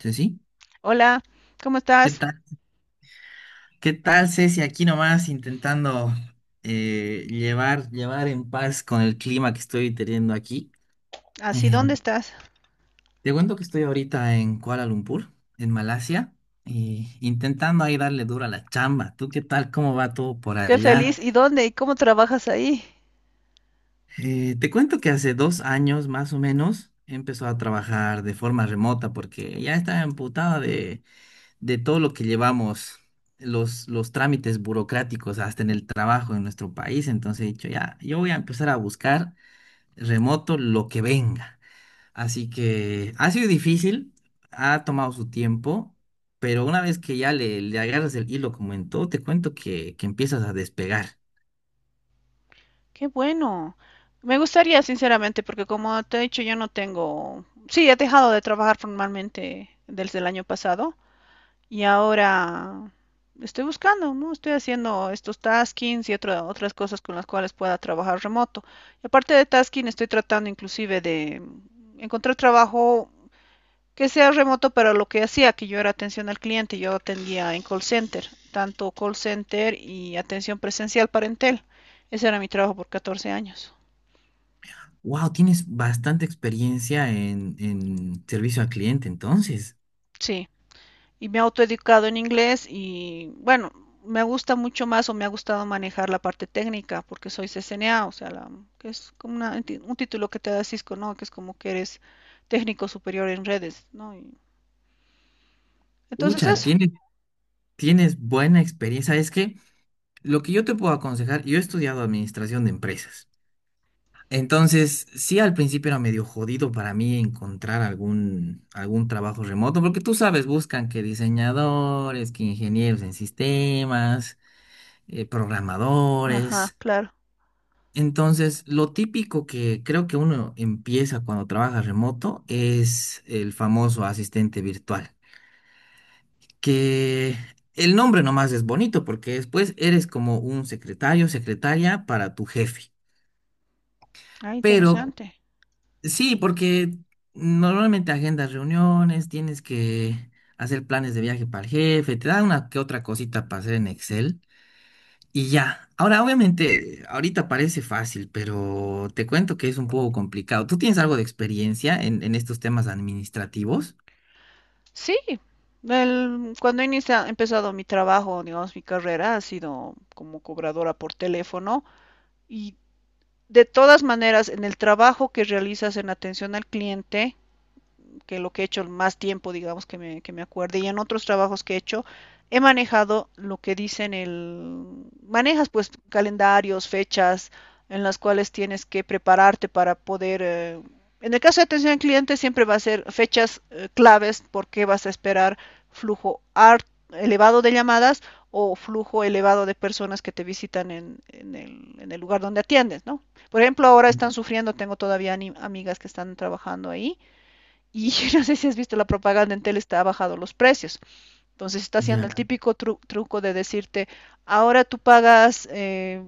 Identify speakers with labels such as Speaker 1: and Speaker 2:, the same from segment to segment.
Speaker 1: Ceci,
Speaker 2: Hola, ¿cómo
Speaker 1: ¿qué
Speaker 2: estás?
Speaker 1: tal? ¿Qué tal, Ceci? Aquí nomás intentando llevar en paz con el clima que estoy teniendo aquí.
Speaker 2: Así,
Speaker 1: Eh,
Speaker 2: ¿dónde estás?
Speaker 1: Te cuento que estoy ahorita en Kuala Lumpur, en Malasia, y intentando ahí darle duro a la chamba. ¿Tú qué tal? ¿Cómo va todo por
Speaker 2: Qué
Speaker 1: allá?
Speaker 2: feliz. ¿Y dónde? ¿Y cómo trabajas ahí?
Speaker 1: Te cuento que hace 2 años más o menos empezó a trabajar de forma remota porque ya estaba emputada de todo lo que llevamos, los trámites burocráticos, hasta en el trabajo en nuestro país. Entonces he dicho, ya, yo voy a empezar a buscar remoto lo que venga. Así que ha sido difícil, ha tomado su tiempo, pero una vez que ya le agarras el hilo, como en todo, te cuento que empiezas a despegar.
Speaker 2: Qué bueno. Me gustaría, sinceramente, porque como te he dicho, yo no tengo... Sí, he dejado de trabajar formalmente desde el año pasado y ahora estoy buscando, ¿no? Estoy haciendo estos taskings y otras cosas con las cuales pueda trabajar remoto. Y aparte de tasking, estoy tratando inclusive de encontrar trabajo que sea remoto, pero lo que hacía, que yo era atención al cliente, yo atendía en call center, tanto call center y atención presencial para Entel. Ese era mi trabajo por 14 años.
Speaker 1: Wow, tienes bastante experiencia en servicio al cliente, entonces.
Speaker 2: Sí, y me he autoeducado en inglés y bueno, me gusta mucho más o me ha gustado manejar la parte técnica porque soy CCNA, o sea, la, que es como un título que te da Cisco, ¿no? Que es como que eres técnico superior en redes, ¿no? Entonces
Speaker 1: Ucha,
Speaker 2: eso.
Speaker 1: tienes buena experiencia. ¿Sabes qué? Lo que yo te puedo aconsejar, yo he estudiado administración de empresas. Entonces, sí, al principio era medio jodido para mí encontrar algún trabajo remoto, porque tú sabes, buscan que diseñadores, que ingenieros en sistemas,
Speaker 2: Ajá,
Speaker 1: programadores.
Speaker 2: claro.
Speaker 1: Entonces, lo típico que creo que uno empieza cuando trabaja remoto es el famoso asistente virtual, que el nombre nomás es bonito porque después eres como un secretario, secretaria para tu jefe.
Speaker 2: Ah,
Speaker 1: Pero
Speaker 2: interesante.
Speaker 1: sí, porque normalmente agendas reuniones, tienes que hacer planes de viaje para el jefe, te da una que otra cosita para hacer en Excel y ya. Ahora, obviamente, ahorita parece fácil, pero te cuento que es un poco complicado. ¿Tú tienes algo de experiencia en estos temas administrativos?
Speaker 2: Sí, cuando inicia, he empezado mi trabajo, digamos, mi carrera ha sido como cobradora por teléfono y de todas maneras, en el trabajo que realizas en atención al cliente, que lo que he hecho más tiempo, digamos, que me acuerde, y en otros trabajos que he hecho, he manejado lo que dicen el... Manejas pues calendarios, fechas en las cuales tienes que prepararte para poder... en el caso de atención al cliente siempre va a ser fechas claves porque vas a esperar flujo ar- elevado de llamadas o flujo elevado de personas que te visitan en el lugar donde atiendes, ¿no? Por ejemplo, ahora están sufriendo, tengo todavía amigas que están trabajando ahí y no sé si has visto la propaganda en tele, está bajado los precios. Entonces está haciendo
Speaker 1: Ya,
Speaker 2: el típico truco de decirte, ahora tú pagas,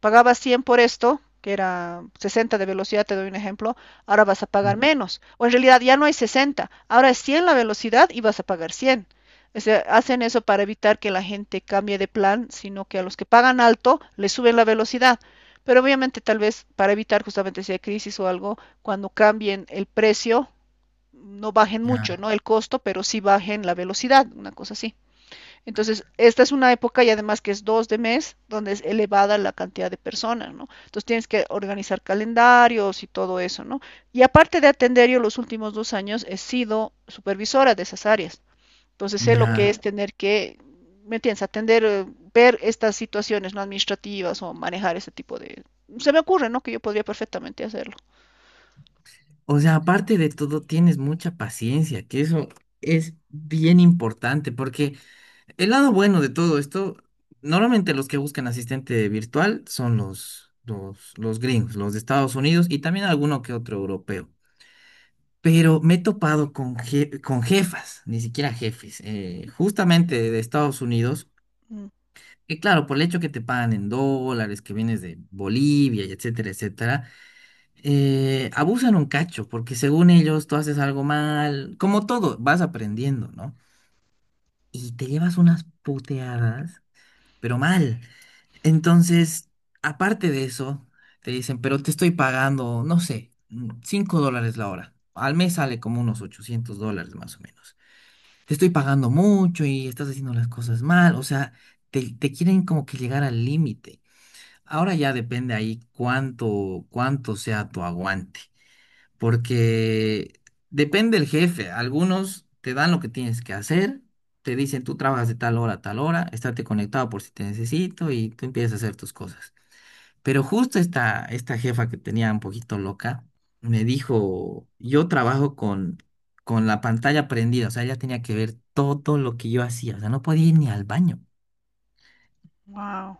Speaker 2: pagabas 100 por esto, que era 60 de velocidad, te doy un ejemplo, ahora vas a pagar menos. O en realidad ya no hay sesenta, ahora es 100 la velocidad y vas a pagar cien. O sea, hacen eso para evitar que la gente cambie de plan, sino que a los que pagan alto les suben la velocidad. Pero obviamente tal vez para evitar justamente si hay crisis o algo, cuando cambien el precio, no bajen mucho,
Speaker 1: ya,
Speaker 2: ¿no? El costo, pero sí bajen la velocidad, una cosa así. Entonces, esta es una época y además que es dos de mes, donde es elevada la cantidad de personas, ¿no? Entonces tienes que organizar calendarios y todo eso, ¿no? Y aparte de atender, yo los últimos dos años he sido supervisora de esas áreas. Entonces sé lo
Speaker 1: ya.
Speaker 2: que es tener que, ¿me entiendes? Atender, ver estas situaciones no administrativas o manejar ese tipo de... Se me ocurre, ¿no? Que yo podría perfectamente hacerlo.
Speaker 1: O sea, aparte de todo, tienes mucha paciencia, que eso es bien importante, porque el lado bueno de todo esto, normalmente los que buscan asistente virtual son los gringos, los de Estados Unidos y también alguno que otro europeo. Pero me he topado con, con jefas, ni siquiera jefes, justamente de Estados Unidos, que claro, por el hecho que te pagan en dólares, que vienes de Bolivia, y etcétera, etcétera, abusan un cacho, porque según ellos tú haces algo mal, como todo, vas aprendiendo, ¿no? Y te llevas unas puteadas pero mal. Entonces, aparte de eso, te dicen, pero te estoy pagando, no sé, $5 la hora. Al mes sale como unos $800 más o menos. Te estoy pagando mucho y estás haciendo las cosas mal. O sea, te quieren como que llegar al límite. Ahora ya depende ahí cuánto sea tu aguante porque depende el jefe. Algunos te dan lo que tienes que hacer, te dicen tú trabajas de tal hora a tal hora, estate conectado por si te necesito y tú empiezas a hacer tus cosas. Pero justo esta jefa que tenía un poquito loca me dijo, yo trabajo con la pantalla prendida, o sea, ella tenía que ver todo lo que yo hacía, o sea, no podía ir ni al baño.
Speaker 2: Wow.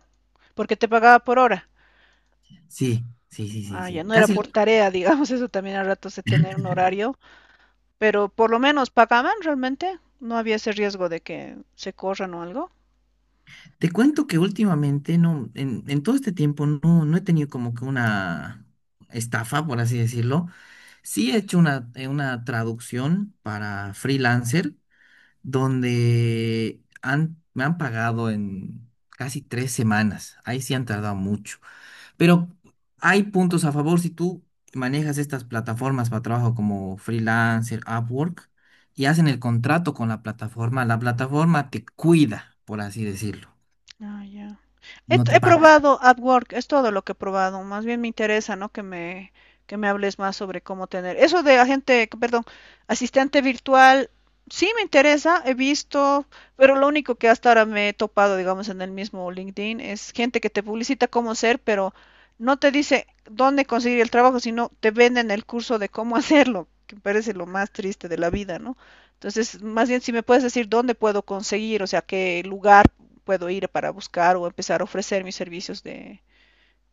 Speaker 2: ¿Por qué te pagaba por hora?
Speaker 1: Sí, sí, sí, sí,
Speaker 2: Ah, ya
Speaker 1: sí.
Speaker 2: no era por
Speaker 1: Casi.
Speaker 2: Ujú, tarea, digamos, eso también a ratos de tener un horario, pero por lo menos pagaban realmente, no había ese riesgo de que se corran o algo.
Speaker 1: Te cuento que últimamente no, en todo este tiempo no, no he tenido como que una estafa, por así decirlo. Sí he hecho una traducción para freelancer donde han, me han pagado en casi 3 semanas. Ahí sí han tardado mucho. Pero hay puntos a favor si tú manejas estas plataformas para trabajo como freelancer, Upwork, y hacen el contrato con la plataforma te cuida, por así decirlo.
Speaker 2: Ah, ya. He,
Speaker 1: No te
Speaker 2: he
Speaker 1: pagan.
Speaker 2: probado AdWork, es todo lo que he probado. Más bien me interesa, ¿no? Que me hables más sobre cómo tener. Eso de agente, perdón, asistente virtual, sí me interesa, he visto, pero lo único que hasta ahora me he topado, digamos, en el mismo LinkedIn es gente que te publicita cómo ser, pero no te dice dónde conseguir el trabajo, sino te venden el curso de cómo hacerlo, que me parece lo más triste de la vida, ¿no? Entonces, más bien si me puedes decir dónde puedo conseguir, o sea, qué lugar puedo ir para buscar o empezar a ofrecer mis servicios de,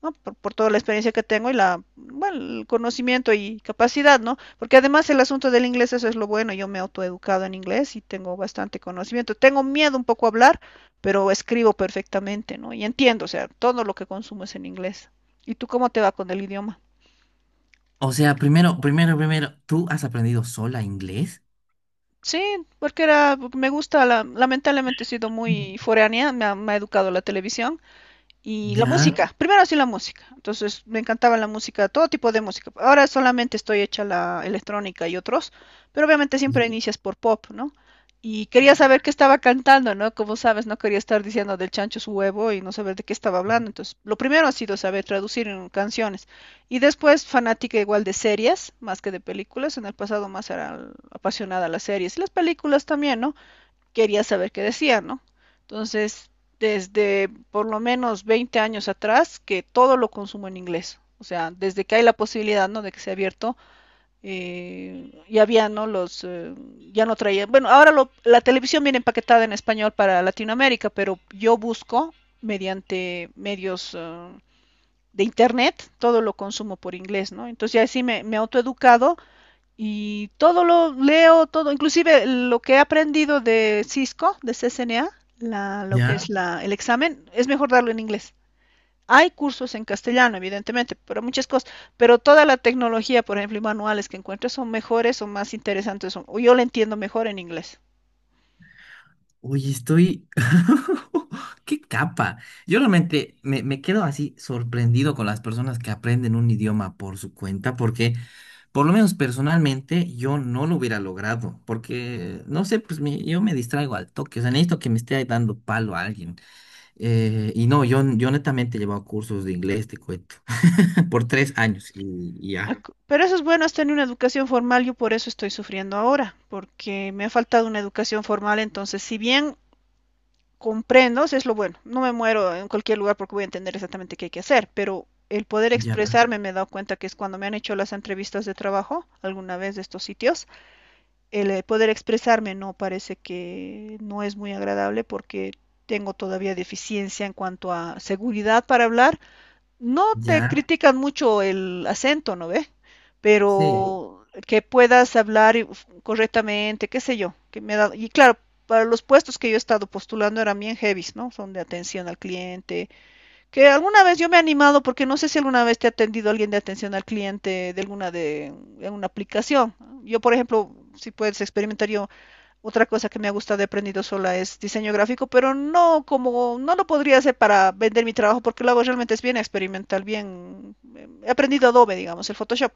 Speaker 2: ¿no? Toda la experiencia que tengo y la, bueno, el conocimiento y capacidad, ¿no? Porque además el asunto del inglés, eso es lo bueno, yo me he autoeducado en inglés y tengo bastante conocimiento. Tengo miedo un poco a hablar, pero escribo perfectamente, ¿no? Y entiendo, o sea, todo lo que consumo es en inglés. ¿Y tú cómo te va con el idioma?
Speaker 1: O sea, primero, ¿tú has aprendido sola inglés?
Speaker 2: Sí, porque era, me gusta, la, lamentablemente he sido muy foránea, me ha educado la televisión. Y la
Speaker 1: Ya,
Speaker 2: música, primero sí la música. Entonces me encantaba la música, todo tipo de música. Ahora solamente estoy hecha la electrónica y otros, pero obviamente
Speaker 1: ya,
Speaker 2: siempre inicias por pop, ¿no? Y quería saber qué estaba cantando, ¿no? Como sabes, no quería estar diciendo del chancho su huevo y no saber de qué estaba hablando. Entonces, lo primero ha sido saber traducir en canciones. Y después, fanática igual de series, más que de películas. En el pasado más era apasionada a las series. Y las películas también, ¿no? Quería saber qué decía, ¿no? Entonces, desde por lo menos 20 años atrás, que todo lo consumo en inglés. O sea, desde que hay la posibilidad, ¿no? De que sea abierto, ya había, ¿no? Ya no traía. Bueno, ahora lo, la televisión viene empaquetada en español para Latinoamérica, pero yo busco mediante medios de internet, todo lo consumo por inglés, ¿no? Entonces ya sí me he autoeducado y todo lo leo, todo, inclusive lo que he aprendido de Cisco, de CCNA, la, lo que Ya.
Speaker 1: ya.
Speaker 2: Es la, el examen, es mejor darlo en inglés. Hay cursos en castellano, evidentemente, pero muchas cosas, pero toda la tecnología, por ejemplo, y manuales que encuentro son mejores o más interesantes, o yo lo entiendo mejor en inglés.
Speaker 1: Oye, estoy... ¡Qué capa! Yo realmente me quedo así sorprendido con las personas que aprenden un idioma por su cuenta, porque por lo menos personalmente yo no lo hubiera logrado, porque, no sé, yo me distraigo al toque, o sea, necesito que me esté dando palo a alguien. Y no, yo netamente he llevado cursos de inglés, te cuento, por 3 años y
Speaker 2: Mm.
Speaker 1: ya.
Speaker 2: Pero eso es bueno, es tener una educación formal, yo por eso estoy sufriendo ahora, porque me ha faltado una educación formal, entonces, si bien comprendo, si es lo bueno, no me muero en cualquier lugar porque voy a entender exactamente qué hay que hacer, pero el poder expresarme me he dado cuenta que es cuando me han hecho las entrevistas de trabajo, alguna vez de estos sitios, el poder expresarme no parece que no es muy agradable porque tengo todavía deficiencia en cuanto a seguridad para hablar. No te
Speaker 1: Ya,
Speaker 2: critican mucho el acento, ¿no ve?
Speaker 1: sí,
Speaker 2: Pero que puedas hablar correctamente, qué sé yo, que me ha dado... y claro, para los puestos que yo he estado postulando eran bien heavies, ¿no? Son de atención al cliente, que alguna vez yo me he animado porque no sé si alguna vez te ha atendido alguien de atención al cliente de alguna de una aplicación. Yo, por ejemplo, si puedes experimentar, yo otra cosa que me ha gustado de aprendido sola es diseño gráfico, pero no como, no lo podría hacer para vender mi trabajo porque lo hago realmente es bien experimental, bien, he aprendido Adobe, digamos, el Photoshop.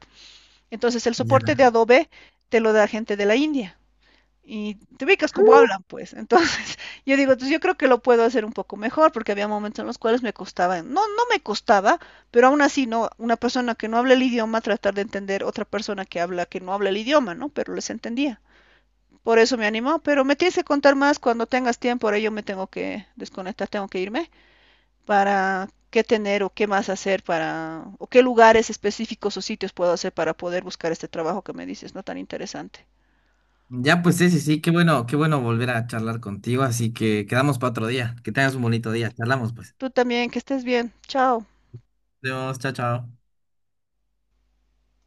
Speaker 2: Entonces el soporte
Speaker 1: ya.
Speaker 2: de Adobe te lo da gente de la India y te ubicas como hablan, pues. Entonces, yo digo, entonces yo creo que lo puedo hacer un poco mejor, porque había momentos en los cuales me costaba, no me costaba, pero aún así, no, una persona que no habla el idioma, tratar de entender otra persona que habla, que no habla el idioma, ¿no? Pero les entendía. Por eso me animó, pero me tienes que contar más cuando tengas tiempo. Ahora yo me tengo que desconectar, tengo que irme para qué tener o qué más hacer para, o qué lugares específicos o sitios puedo hacer para poder buscar este trabajo que me dices, no tan interesante.
Speaker 1: Ya, pues sí, sí, sí, qué bueno volver a charlar contigo, así que quedamos para otro día. Que tengas un bonito día, charlamos pues.
Speaker 2: Tú también, que estés bien. Chao.
Speaker 1: Adiós, chao, chao.